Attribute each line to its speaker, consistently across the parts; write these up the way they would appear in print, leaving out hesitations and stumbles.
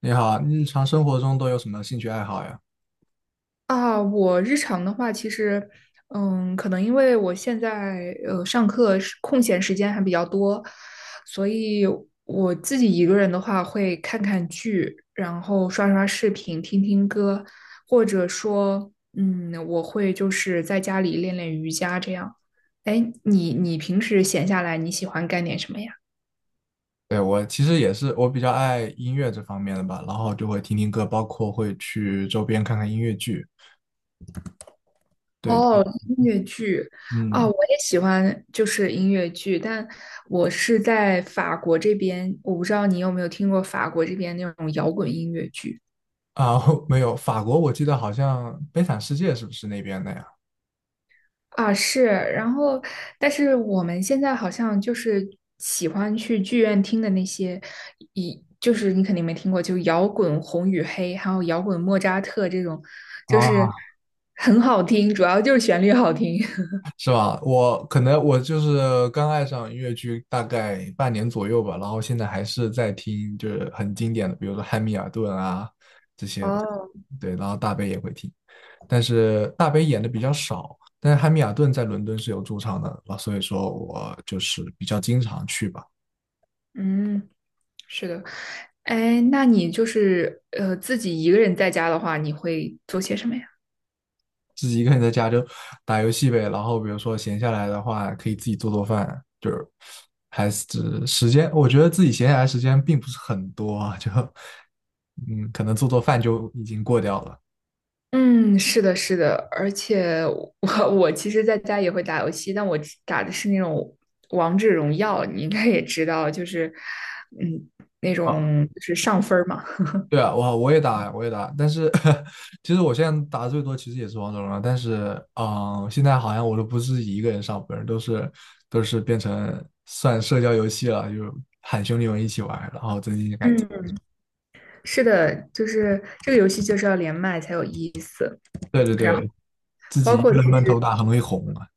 Speaker 1: 你好，日常生活中都有什么兴趣爱好呀？
Speaker 2: 啊，我日常的话，其实，可能因为我现在上课是空闲时间还比较多，所以我自己一个人的话会看看剧，然后刷刷视频、听听歌，或者说，我会就是在家里练练瑜伽这样。哎，你平时闲下来你喜欢干点什么呀？
Speaker 1: 对，我其实也是，我比较爱音乐这方面的吧，然后就会听听歌，包括会去周边看看音乐剧。对，就
Speaker 2: 哦，音乐剧啊，
Speaker 1: 嗯，
Speaker 2: 我也喜欢，就是音乐剧，但我是在法国这边，我不知道你有没有听过法国这边那种摇滚音乐剧
Speaker 1: 啊，没有，法国我记得好像《悲惨世界》是不是那边的呀？
Speaker 2: 啊，是，然后，但是我们现在好像就是喜欢去剧院听的那些，一就是你肯定没听过，就摇滚《红与黑》，还有摇滚莫扎特这种，就是
Speaker 1: 啊，
Speaker 2: 很好听，主要就是旋律好听。
Speaker 1: 是吧？我可能我就是刚爱上音乐剧大概半年左右吧，然后现在还是在听，就是很经典的，比如说《汉密尔顿》啊这些的。
Speaker 2: 哦，
Speaker 1: 对，然后大悲也会听。但是大杯演的比较少，但是汉密尔顿在伦敦是有驻场的，啊，所以说我就是比较经常去吧，
Speaker 2: 嗯，是的，哎，那你就是自己一个人在家的话，你会做些什么呀？
Speaker 1: 自己一个人在家就打游戏呗，然后比如说闲下来的话，可以自己做做饭，就是还是时间，我觉得自己闲下来时间并不是很多啊，就 嗯，可能做做饭就已经过掉了。
Speaker 2: 嗯，是的，是的，而且我 我其实在家也会打游戏，但我只打的是那种王者荣耀，你应该也知道，就是嗯那
Speaker 1: 啊。
Speaker 2: 种就是上分儿嘛。
Speaker 1: 对啊，我也打我也打，但是 其实我现在打的最多其实也是王者荣耀，但是现在好像我都不是一个人上分都是变成算社交游戏了，就喊兄弟们一起玩然后增进感情。
Speaker 2: 嗯，是的，就是这个游戏就是要连麦才有意思，
Speaker 1: 对对
Speaker 2: 然后
Speaker 1: 对，自
Speaker 2: 包
Speaker 1: 己一
Speaker 2: 括
Speaker 1: 个人
Speaker 2: 其
Speaker 1: 闷头
Speaker 2: 实
Speaker 1: 打很容易红啊。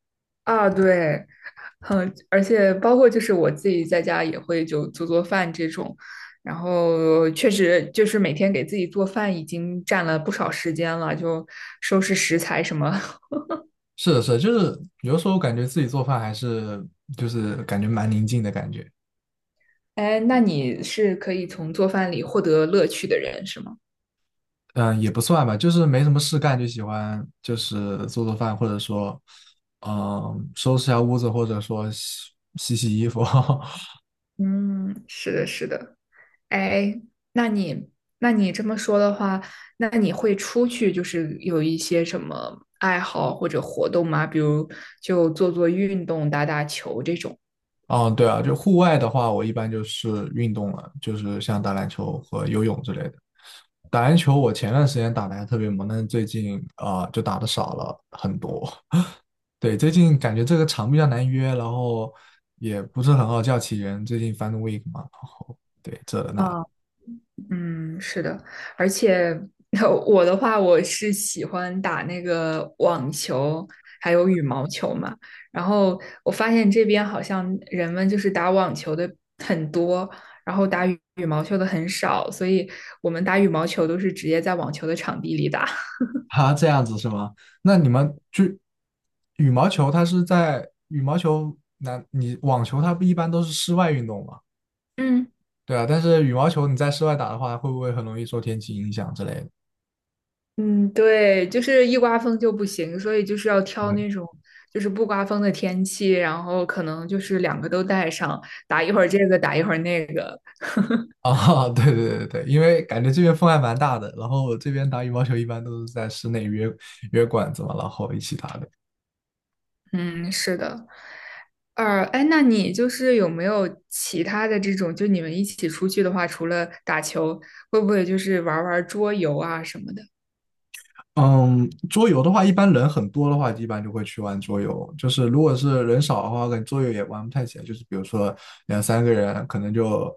Speaker 2: 啊，对，嗯，而且包括就是我自己在家也会就做做饭这种，然后确实就是每天给自己做饭已经占了不少时间了，就收拾食材什么。
Speaker 1: 是的，是的，就是有时候感觉自己做饭还是就是感觉蛮宁静的感觉。
Speaker 2: 哎，那你是可以从做饭里获得乐趣的人是吗？
Speaker 1: 嗯，也不算吧，就是没什么事干，就喜欢就是做做饭，或者说，嗯，收拾下屋子，或者说洗洗衣服。
Speaker 2: 嗯，是的，是的。哎，那你那你这么说的话，那你会出去就是有一些什么爱好或者活动吗？比如就做做运动、打打球这种。
Speaker 1: 嗯，对啊，就户外的话，我一般就是运动了，就是像打篮球和游泳之类的。打篮球我前段时间打的还特别猛，但是最近啊，就打的少了很多。对，最近感觉这个场比较难约，然后也不是很好叫起人。最近 FIN Week 嘛，对，这那。
Speaker 2: 啊。嗯，是的，而且 我的话，我是喜欢打那个网球，还有羽毛球嘛。然后我发现这边好像人们就是打网球的很多，然后打羽毛球的很少，所以我们打羽毛球都是直接在网球的场地里打。
Speaker 1: 哈，这样子是吗？那你们就羽毛球，它是在羽毛球，那你网球它不一般都是室外运动嘛？
Speaker 2: 嗯
Speaker 1: 对啊，但是羽毛球你在室外打的话，会不会很容易受天气影响之类的？
Speaker 2: 嗯，对，就是一刮风就不行，所以就是要挑
Speaker 1: 嗯，
Speaker 2: 那种就是不刮风的天气，然后可能就是两个都带上，打一会儿这个，打一会儿那个。
Speaker 1: 啊，对对对对，因为感觉这边风还蛮大的，然后这边打羽毛球一般都是在室内约约馆子嘛，然后一起打的。
Speaker 2: 嗯，是的。呃，哎，那你就是有没有其他的这种，就你们一起出去的话，除了打球，会不会就是玩儿玩儿桌游啊什么的？
Speaker 1: 嗯，桌游的话，一般人很多的话，一般就会去玩桌游。就是如果是人少的话，可能桌游也玩不太起来。就是比如说两三个人，可能就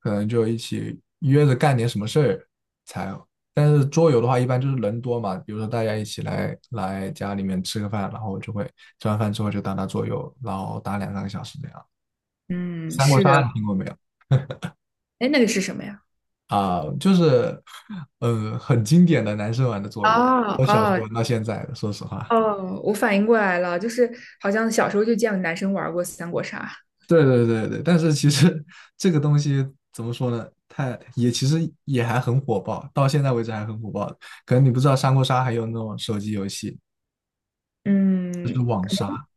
Speaker 1: 可能就一起约着干点什么事儿才。但是桌游的话，一般就是人多嘛，比如说大家一起来家里面吃个饭，然后就会吃完饭之后就打打桌游，然后打两三个小时这样。
Speaker 2: 嗯，
Speaker 1: 三国
Speaker 2: 是
Speaker 1: 杀
Speaker 2: 的。
Speaker 1: 你听过没有？
Speaker 2: 哎，那个是什么呀？
Speaker 1: 就是很经典的男生玩的桌游，
Speaker 2: 哦
Speaker 1: 我小时候
Speaker 2: 哦
Speaker 1: 玩到现在的说实话。
Speaker 2: 哦，我反应过来了，就是好像小时候就见过男生玩过三国杀。
Speaker 1: 对对对对，但是其实 这个东西怎么说呢？太也其实也还很火爆，到现在为止还很火爆。可能你不知道三国杀还有那种手机游戏，就
Speaker 2: 嗯，
Speaker 1: 是网杀。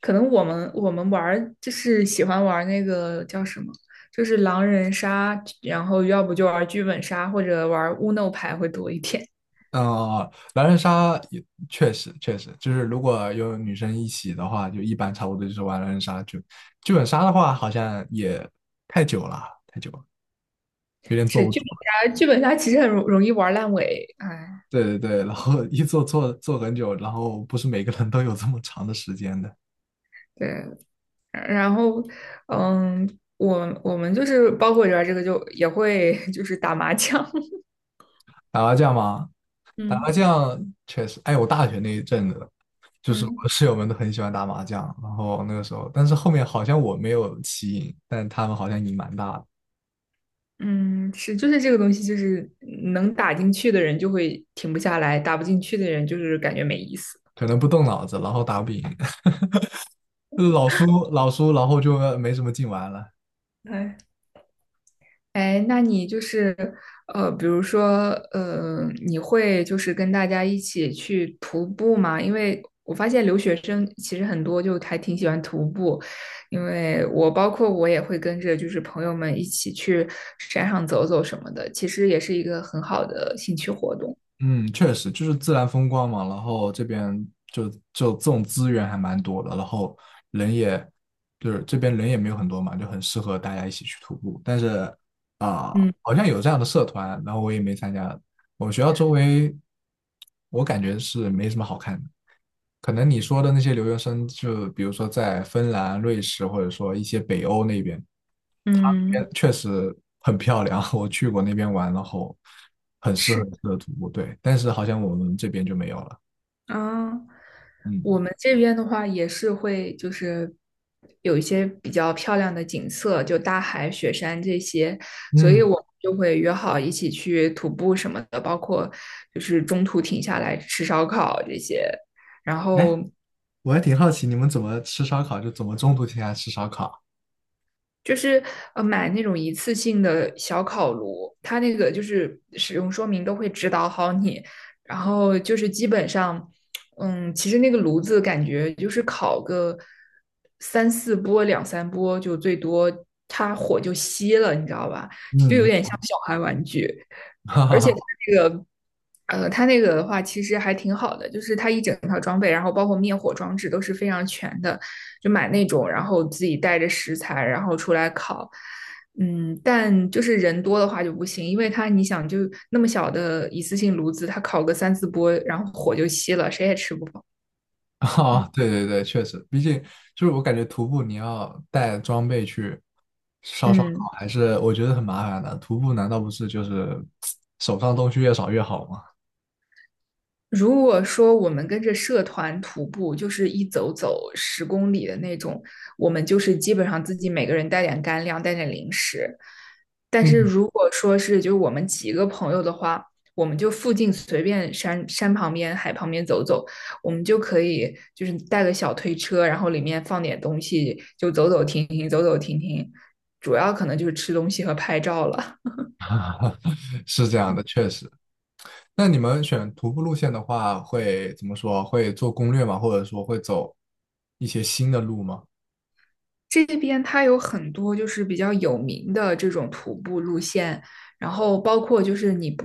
Speaker 2: 可能我们玩儿就是喜欢玩儿那个叫什么，就是狼人杀，然后要不就玩儿剧本杀或者玩儿乌弄牌会多一点。
Speaker 1: 呃，狼人杀也确实确实，就是如果有女生一起的话，就一般差不多就是玩狼人杀。剧本杀的话，好像也太久了，太久了，有点坐
Speaker 2: 是
Speaker 1: 不
Speaker 2: 剧
Speaker 1: 住。
Speaker 2: 本杀，剧本杀其实很容易玩烂尾，哎，
Speaker 1: 对对对，然后 一坐坐很久，然后不是每个人都有这么长的时间的。
Speaker 2: 对，然后，嗯，我们就是包括里边儿这个就也会就是打麻将，
Speaker 1: 打麻将吗？打麻
Speaker 2: 嗯
Speaker 1: 将确实，哎，我大学那一阵子，就是我
Speaker 2: 嗯
Speaker 1: 室友们都很喜欢打麻将，然后那个时候，但是后面好像我没有棋瘾，但他们好像瘾蛮大的，
Speaker 2: 嗯，是就是这个东西就是能打进去的人就会停不下来，打不进去的人就是感觉没意思，
Speaker 1: 可能不动脑子，然后打不赢，老输老输，然后就没什么劲玩了。
Speaker 2: 哎。哎，那你就是比如说你会就是跟大家一起去徒步吗？因为我发现留学生其实很多就还挺喜欢徒步，因为我包括我也会跟着就是朋友们一起去山上走走什么的，其实也是一个很好的兴趣活动。
Speaker 1: 嗯，确实就是自然风光嘛，然后这边就就这种资源还蛮多的，然后人也就是这边人也没有很多嘛，就很适合大家一起去徒步。但是啊、
Speaker 2: 嗯。
Speaker 1: 好像有这样的社团，然后我也没参加。我们学校周围，我感觉是没什么好看的。可能你说的那些留学生，就比如说在芬兰、瑞士，或者说一些北欧那边，他那
Speaker 2: 嗯，
Speaker 1: 边确实很漂亮。我去过那边玩，然后很适合
Speaker 2: 是。
Speaker 1: 很适合徒步，对。但是好像我们这边就没有了。
Speaker 2: 啊，我
Speaker 1: 嗯
Speaker 2: 们这边的话也是会，就是有一些比较漂亮的景色，就大海、雪山这些，所以
Speaker 1: 嗯，
Speaker 2: 我们就会约好一起去徒步什么的，包括就是中途停下来吃烧烤这些。然
Speaker 1: 哎，
Speaker 2: 后
Speaker 1: 我还挺好奇你们怎么吃烧烤，就怎么中途停下来吃烧烤。
Speaker 2: 就是买那种一次性的小烤炉，它那个就是使用说明都会指导好你，然后就是基本上，嗯，其实那个炉子感觉就是烤个三四波、两三波就最多，它火就熄了，你知道吧？
Speaker 1: 嗯，哈哈
Speaker 2: 而且它
Speaker 1: 哈。
Speaker 2: 那个，它那个的话其实还挺好的，就是它一整套装备，然后包括灭火装置都是非常全的，就买那种，然后自己带着食材，然后出来烤。嗯，但就是人多的话就不行，因为它你想就那么小的一次性炉子，它烤个三四波，然后火就熄了，谁也吃不饱。
Speaker 1: 哦，
Speaker 2: 嗯
Speaker 1: 对对对，确实，毕竟就是我感觉徒步你要带装备去烧烧
Speaker 2: 嗯。
Speaker 1: 烤，还是我觉得很麻烦的。徒步难道不是就是手上东西越少越好吗？
Speaker 2: 如果说我们跟着社团徒步，就是一走走10公里的那种，我们就是基本上自己每个人带点干粮，带点零食。但是
Speaker 1: 嗯，
Speaker 2: 如果说是就是我们几个朋友的话，我们就附近随便山旁边、海旁边走走，我们就可以就是带个小推车，然后里面放点东西，就走走停停，走走停停，主要可能就是吃东西和拍照了。
Speaker 1: 是这样的，确实。那你们选徒步路线的话，会怎么说？会做攻略吗？或者说会走一些新的路吗？
Speaker 2: 这边它有很多就是比较有名的这种徒步路线，然后包括就是你不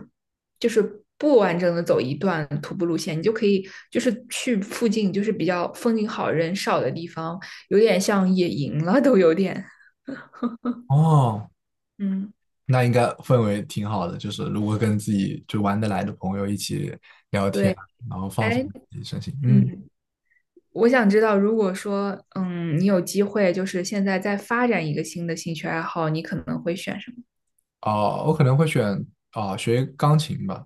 Speaker 2: 就是不完整的走一段徒步路线，你就可以就是去附近就是比较风景好人少的地方，有点像野营了都有点。
Speaker 1: 哦，
Speaker 2: 嗯，
Speaker 1: 那应该氛围挺好的，就是如果跟自己就玩得来的朋友一起聊天，
Speaker 2: 对，
Speaker 1: 然后放松
Speaker 2: 哎，
Speaker 1: 自己身心，嗯。
Speaker 2: 嗯，我想知道，如果说你有机会就是现在再发展一个新的兴趣爱好，你可能会选什么？
Speaker 1: 哦，我可能会选学钢琴吧，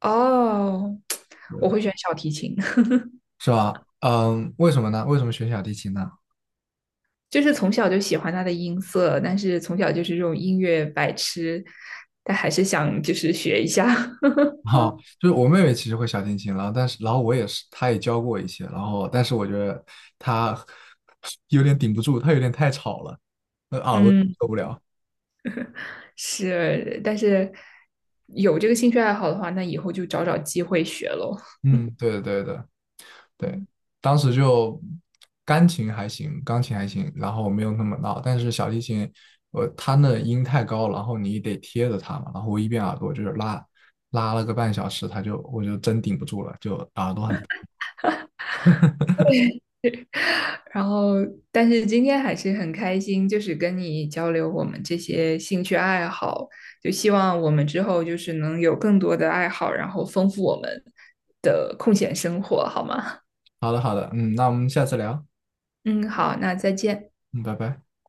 Speaker 2: 哦，我
Speaker 1: 对
Speaker 2: 会选小提琴。
Speaker 1: 是吧？嗯，为什么呢？为什么选小提琴呢？
Speaker 2: 就是从小就喜欢他的音色，但是从小就是这种音乐白痴，但还是想就是学一下
Speaker 1: 哈、就是我妹妹其实会小提琴，然后但是然后我也是，她也教过我一些，然后但是我觉得她 有点顶不住，她有点太吵了，那 耳朵
Speaker 2: 嗯，
Speaker 1: 受不了。
Speaker 2: 是，但是有这个兴趣爱好的话，那以后就找找机会学喽。
Speaker 1: 嗯，对对对，对，当时就钢琴还行，钢琴还行，然后没有那么闹，但是小提琴，我它那音太高，然后你得贴着它嘛，然后我一边耳朵就是拉了个半小时，它就我就真顶不住了，就耳朵很
Speaker 2: 然后，但是今天还是很开心，就是跟你交流我们这些兴趣爱好，就希望我们之后就是能有更多的爱好，然后丰富我们的空闲生活，好吗？
Speaker 1: 好的好的，嗯，那我们下次聊，
Speaker 2: 嗯，好，那再见。
Speaker 1: 嗯，拜拜。